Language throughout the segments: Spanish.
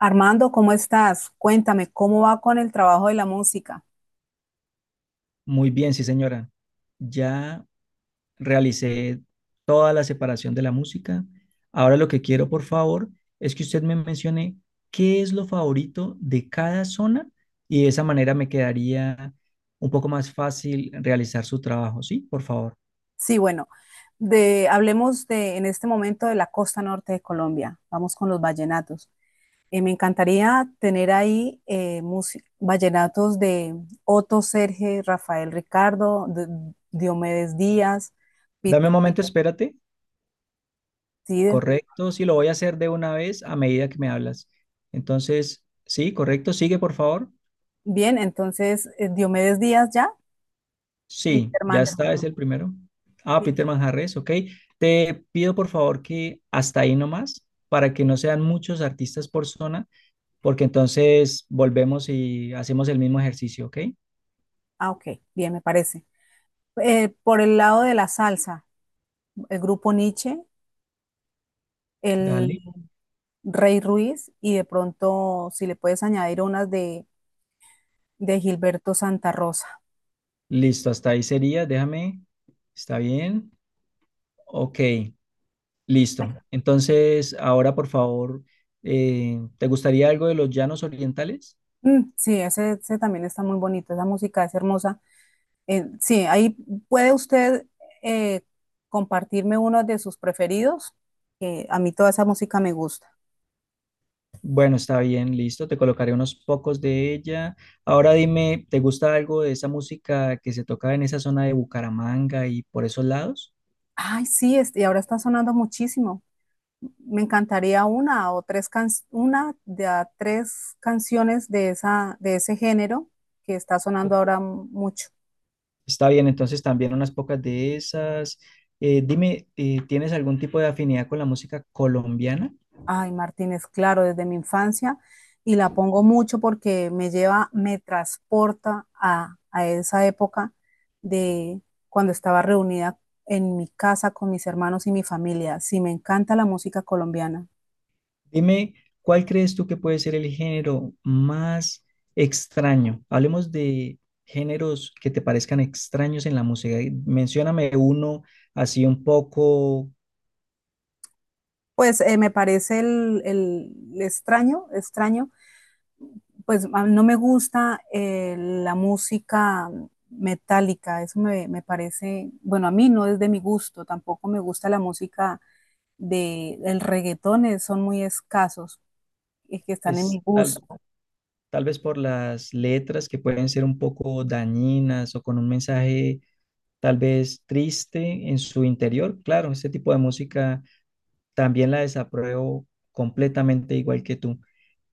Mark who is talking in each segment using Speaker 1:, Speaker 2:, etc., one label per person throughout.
Speaker 1: Armando, ¿cómo estás? Cuéntame, ¿cómo va con el trabajo de la música?
Speaker 2: Muy bien, sí, señora. Ya realicé toda la separación de la música. Ahora lo que quiero, por favor, es que usted me mencione qué es lo favorito de cada zona y de esa manera me quedaría un poco más fácil realizar su trabajo, ¿sí? Por favor.
Speaker 1: Sí, bueno, hablemos de en este momento de la costa norte de Colombia. Vamos con los vallenatos. Me encantaría tener ahí vallenatos de Otto Serge, Rafael Ricardo, Diomedes Díaz,
Speaker 2: Dame un
Speaker 1: Peter
Speaker 2: momento, espérate.
Speaker 1: Cid.
Speaker 2: Correcto, sí, lo voy a hacer de una vez a medida que me hablas. Entonces, sí, correcto, sigue, por favor.
Speaker 1: Bien, entonces, Diomedes Díaz ya,
Speaker 2: Sí,
Speaker 1: Peter
Speaker 2: ya está, es
Speaker 1: Manhattan.
Speaker 2: el primero. Ah,
Speaker 1: Peter-
Speaker 2: Peter Manjarres, ok. Te pido por favor que hasta ahí nomás, para que no sean muchos artistas por zona, porque entonces volvemos y hacemos el mismo ejercicio, ok.
Speaker 1: Ah, ok, bien, me parece. Por el lado de la salsa, el grupo Nietzsche, el
Speaker 2: Dale,
Speaker 1: Rey Ruiz y de pronto si le puedes añadir de Gilberto Santa Rosa.
Speaker 2: listo, hasta ahí sería, déjame, está bien, ok, listo. Entonces, ahora por favor, ¿te gustaría algo de los llanos orientales?
Speaker 1: Mm, sí, ese también está muy bonito, esa música es hermosa. Sí, ahí puede usted eh, compartirme uno de sus preferidos, que a mí toda esa música me gusta.
Speaker 2: Bueno, está bien, listo. Te colocaré unos pocos de ella. Ahora dime, ¿te gusta algo de esa música que se toca en esa zona de Bucaramanga y por esos lados?
Speaker 1: Ay, sí, este, y ahora está sonando muchísimo. Me encantaría una de a tres canciones de de ese género que está sonando
Speaker 2: Ok,
Speaker 1: ahora mucho.
Speaker 2: está bien, entonces también unas pocas de esas. Dime, ¿tienes algún tipo de afinidad con la música colombiana?
Speaker 1: Ay, Martínez, claro, desde mi infancia y la pongo mucho porque me lleva, me transporta a esa época de cuando estaba reunida en mi casa con mis hermanos y mi familia. Sí, me encanta la música colombiana.
Speaker 2: Dime, ¿cuál crees tú que puede ser el género más extraño? Hablemos de géneros que te parezcan extraños en la música. Mencióname uno así un poco
Speaker 1: Pues me parece el extraño, extraño, pues no me gusta la música metálica, me parece, bueno, a mí no es de mi gusto, tampoco me gusta la música de el reggaetón, son muy escasos y que están en mi
Speaker 2: es-
Speaker 1: gusto.
Speaker 2: al- tal vez por las letras que pueden ser un poco dañinas o con un mensaje tal vez triste en su interior. Claro, este tipo de música también la desapruebo completamente igual que tú.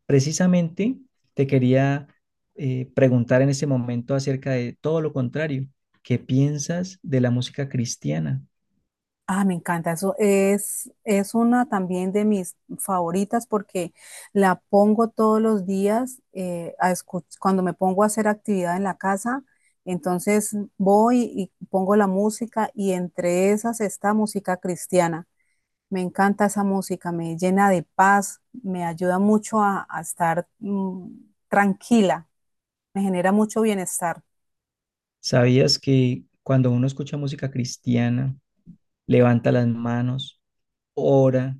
Speaker 2: Precisamente te quería preguntar en ese momento acerca de todo lo contrario. ¿Qué piensas de la música cristiana?
Speaker 1: Ah, me encanta. Eso es una también de mis favoritas porque la pongo todos los días, cuando me pongo a hacer actividad en la casa. Entonces voy y pongo la música y entre esas está música cristiana. Me encanta esa música, me llena de paz, me ayuda mucho a estar tranquila, me genera mucho bienestar.
Speaker 2: ¿Sabías que cuando uno escucha música cristiana, levanta las manos, ora,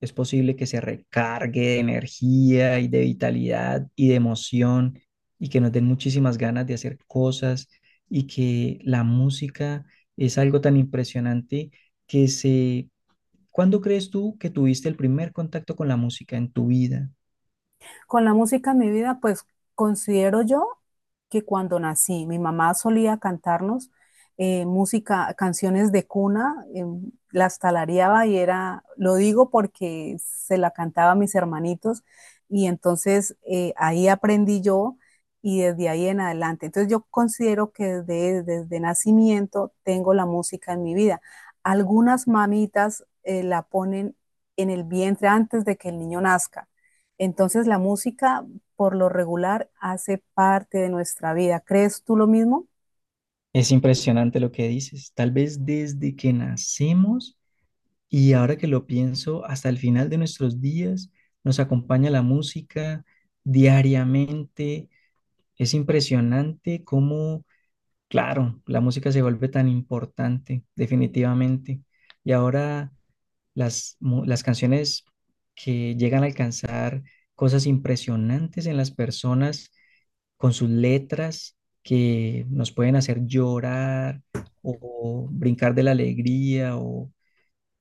Speaker 2: es posible que se recargue de energía y de vitalidad y de emoción y que nos den muchísimas ganas de hacer cosas y que la música es algo tan impresionante que se... ¿Cuándo crees tú que tuviste el primer contacto con la música en tu vida?
Speaker 1: Con la música en mi vida, pues considero yo que cuando nací, mi mamá solía cantarnos música, canciones de cuna, las talareaba y era, lo digo porque se la cantaba a mis hermanitos y entonces ahí aprendí yo y desde ahí en adelante. Entonces yo considero que desde nacimiento tengo la música en mi vida. Algunas mamitas la ponen en el vientre antes de que el niño nazca, entonces la música por lo regular hace parte de nuestra vida. ¿Crees tú lo mismo?
Speaker 2: Es impresionante lo que dices. Tal vez desde que nacemos y ahora que lo pienso, hasta el final de nuestros días nos acompaña la música diariamente. Es impresionante cómo, claro, la música se vuelve tan importante, definitivamente. Y ahora las canciones que llegan a alcanzar cosas impresionantes en las personas con sus letras que nos pueden hacer llorar o brincar de la alegría o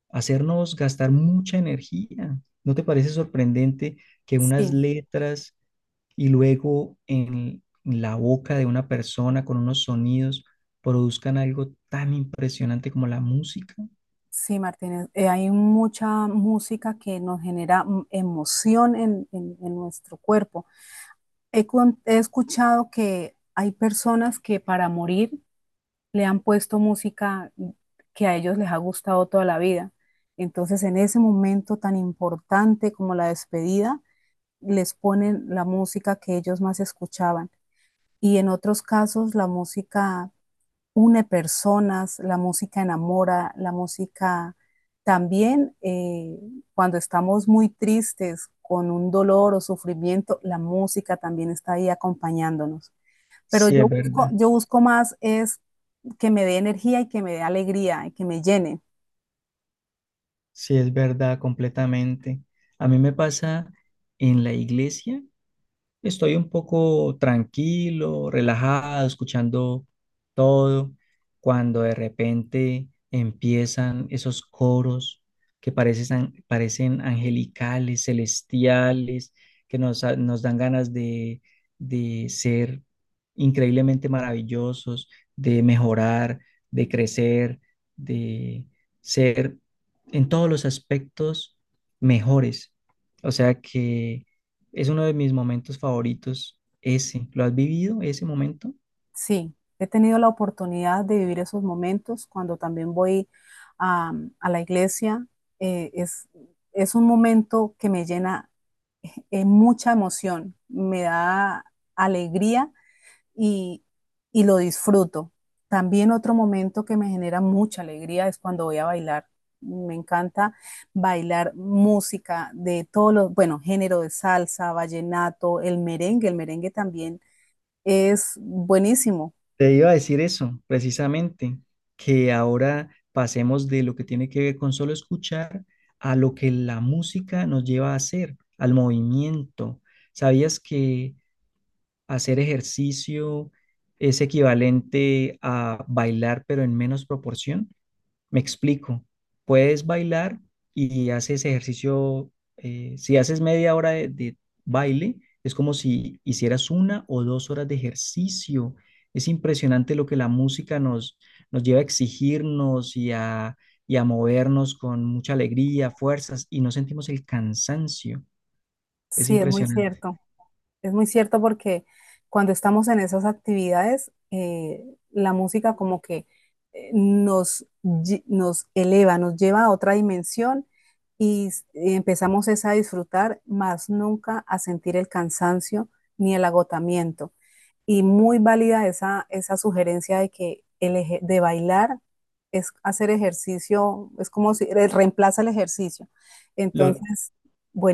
Speaker 2: hacernos gastar mucha energía. ¿No te parece sorprendente que unas
Speaker 1: Sí,
Speaker 2: letras y luego en la boca de una persona con unos sonidos produzcan algo tan impresionante como la música?
Speaker 1: sí, Martínez, hay mucha música que nos genera emoción en nuestro cuerpo. He escuchado que hay personas que para morir le han puesto música que a ellos les ha gustado toda la vida. Entonces, en ese momento tan importante como la despedida, les ponen la música que ellos más escuchaban. Y en otros casos la música une personas, la música enamora, la música también, cuando estamos muy tristes con un dolor o sufrimiento, la música también está ahí acompañándonos. Pero
Speaker 2: Sí, es
Speaker 1: yo
Speaker 2: verdad,
Speaker 1: yo busco más es que me dé energía y que me dé alegría y que me llene.
Speaker 2: sí, es verdad, completamente. A mí me pasa en la iglesia. Estoy un poco tranquilo, relajado, escuchando todo, cuando de repente empiezan esos coros que parecen angelicales, celestiales, que nos dan ganas de ser increíblemente maravillosos, de mejorar, de crecer, de ser en todos los aspectos mejores. O sea que es uno de mis momentos favoritos, ese. ¿Lo has vivido, ese momento?
Speaker 1: Sí, he tenido la oportunidad de vivir esos momentos cuando también voy a, a la iglesia. Eh, es, es un momento que me llena es mucha emoción, me da alegría y, y lo disfruto. También otro momento que me genera mucha alegría es cuando voy a bailar. Me encanta bailar música de todos los, bueno, género de salsa, vallenato, el merengue. El merengue también es buenísimo.
Speaker 2: Te iba a decir eso, precisamente, que ahora pasemos de lo que tiene que ver con solo escuchar a lo que la música nos lleva a hacer, al movimiento. ¿Sabías que hacer ejercicio es equivalente a bailar, pero en menos proporción? Me explico. Puedes bailar y haces ejercicio. Si haces media hora de baile, es como si hicieras una o dos horas de ejercicio. Es impresionante lo que la música nos, nos lleva a exigirnos y a movernos con mucha alegría, fuerzas, y no sentimos el cansancio. Es
Speaker 1: Sí, es muy
Speaker 2: impresionante.
Speaker 1: cierto. Es muy cierto porque cuando estamos en esas actividades, la música como que nos eleva, nos lleva a otra dimensión y empezamos es a disfrutar, más nunca a sentir el cansancio ni el agotamiento. Y muy válida esa sugerencia de que de bailar es hacer ejercicio, es como si reemplaza el ejercicio.
Speaker 2: Lo-
Speaker 1: Entonces,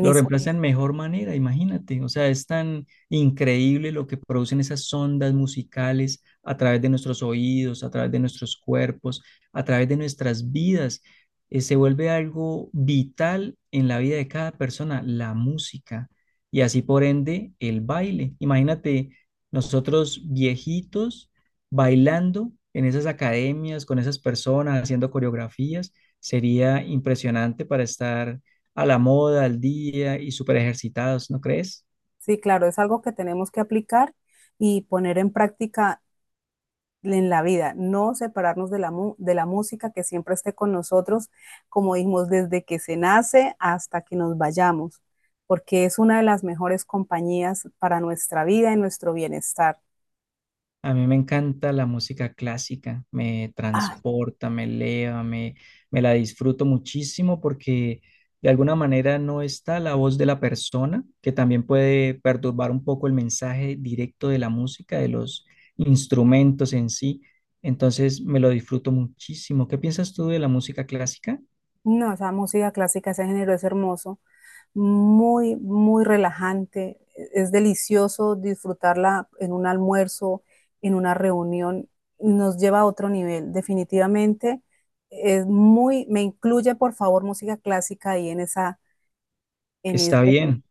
Speaker 2: Lo reemplazan mejor manera, imagínate. O sea, es tan increíble lo que producen esas ondas musicales a través de nuestros oídos, a través de nuestros cuerpos, a través de nuestras vidas. Se vuelve algo vital en la vida de cada persona, la música. Y así por ende, el baile. Imagínate nosotros viejitos bailando en esas academias, con esas personas, haciendo coreografías. Sería impresionante para estar a la moda, al día y súper ejercitados, ¿no crees?
Speaker 1: Sí, claro, es algo que tenemos que aplicar y poner en práctica en la vida, no separarnos de de la música, que siempre esté con nosotros, como dijimos, desde que se nace hasta que nos vayamos, porque es una de las mejores compañías para nuestra vida y nuestro bienestar.
Speaker 2: A mí me encanta la música clásica, me
Speaker 1: Ah,
Speaker 2: transporta, me eleva, me la disfruto muchísimo porque de alguna manera no está la voz de la persona, que también puede perturbar un poco el mensaje directo de la música, de los instrumentos en sí. Entonces me lo disfruto muchísimo. ¿Qué piensas tú de la música clásica?
Speaker 1: no, esa música clásica, ese género es hermoso. Muy, muy relajante. Es delicioso disfrutarla en un almuerzo, en una reunión. Nos lleva a otro nivel. Definitivamente es muy, me incluye por favor música clásica ahí en en
Speaker 2: Está
Speaker 1: ese.
Speaker 2: bien.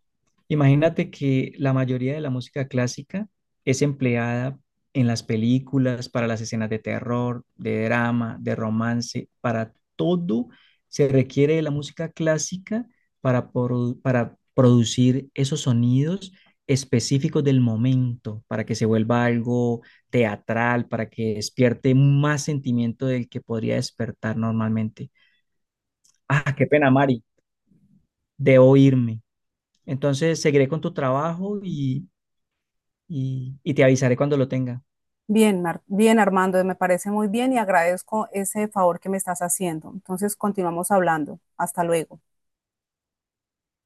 Speaker 2: Imagínate que la mayoría de la música clásica es empleada en las películas, para las escenas de terror, de drama, de romance, para todo se requiere de la música clásica para, para producir esos sonidos específicos del momento, para que se vuelva algo teatral, para que despierte más sentimiento del que podría despertar normalmente. Ah, qué pena, Mari, debo irme. Entonces, seguiré con tu trabajo y y te avisaré cuando lo tenga.
Speaker 1: Bien, bien Armando, me parece muy bien y agradezco ese favor que me estás haciendo. Entonces continuamos hablando. Hasta luego.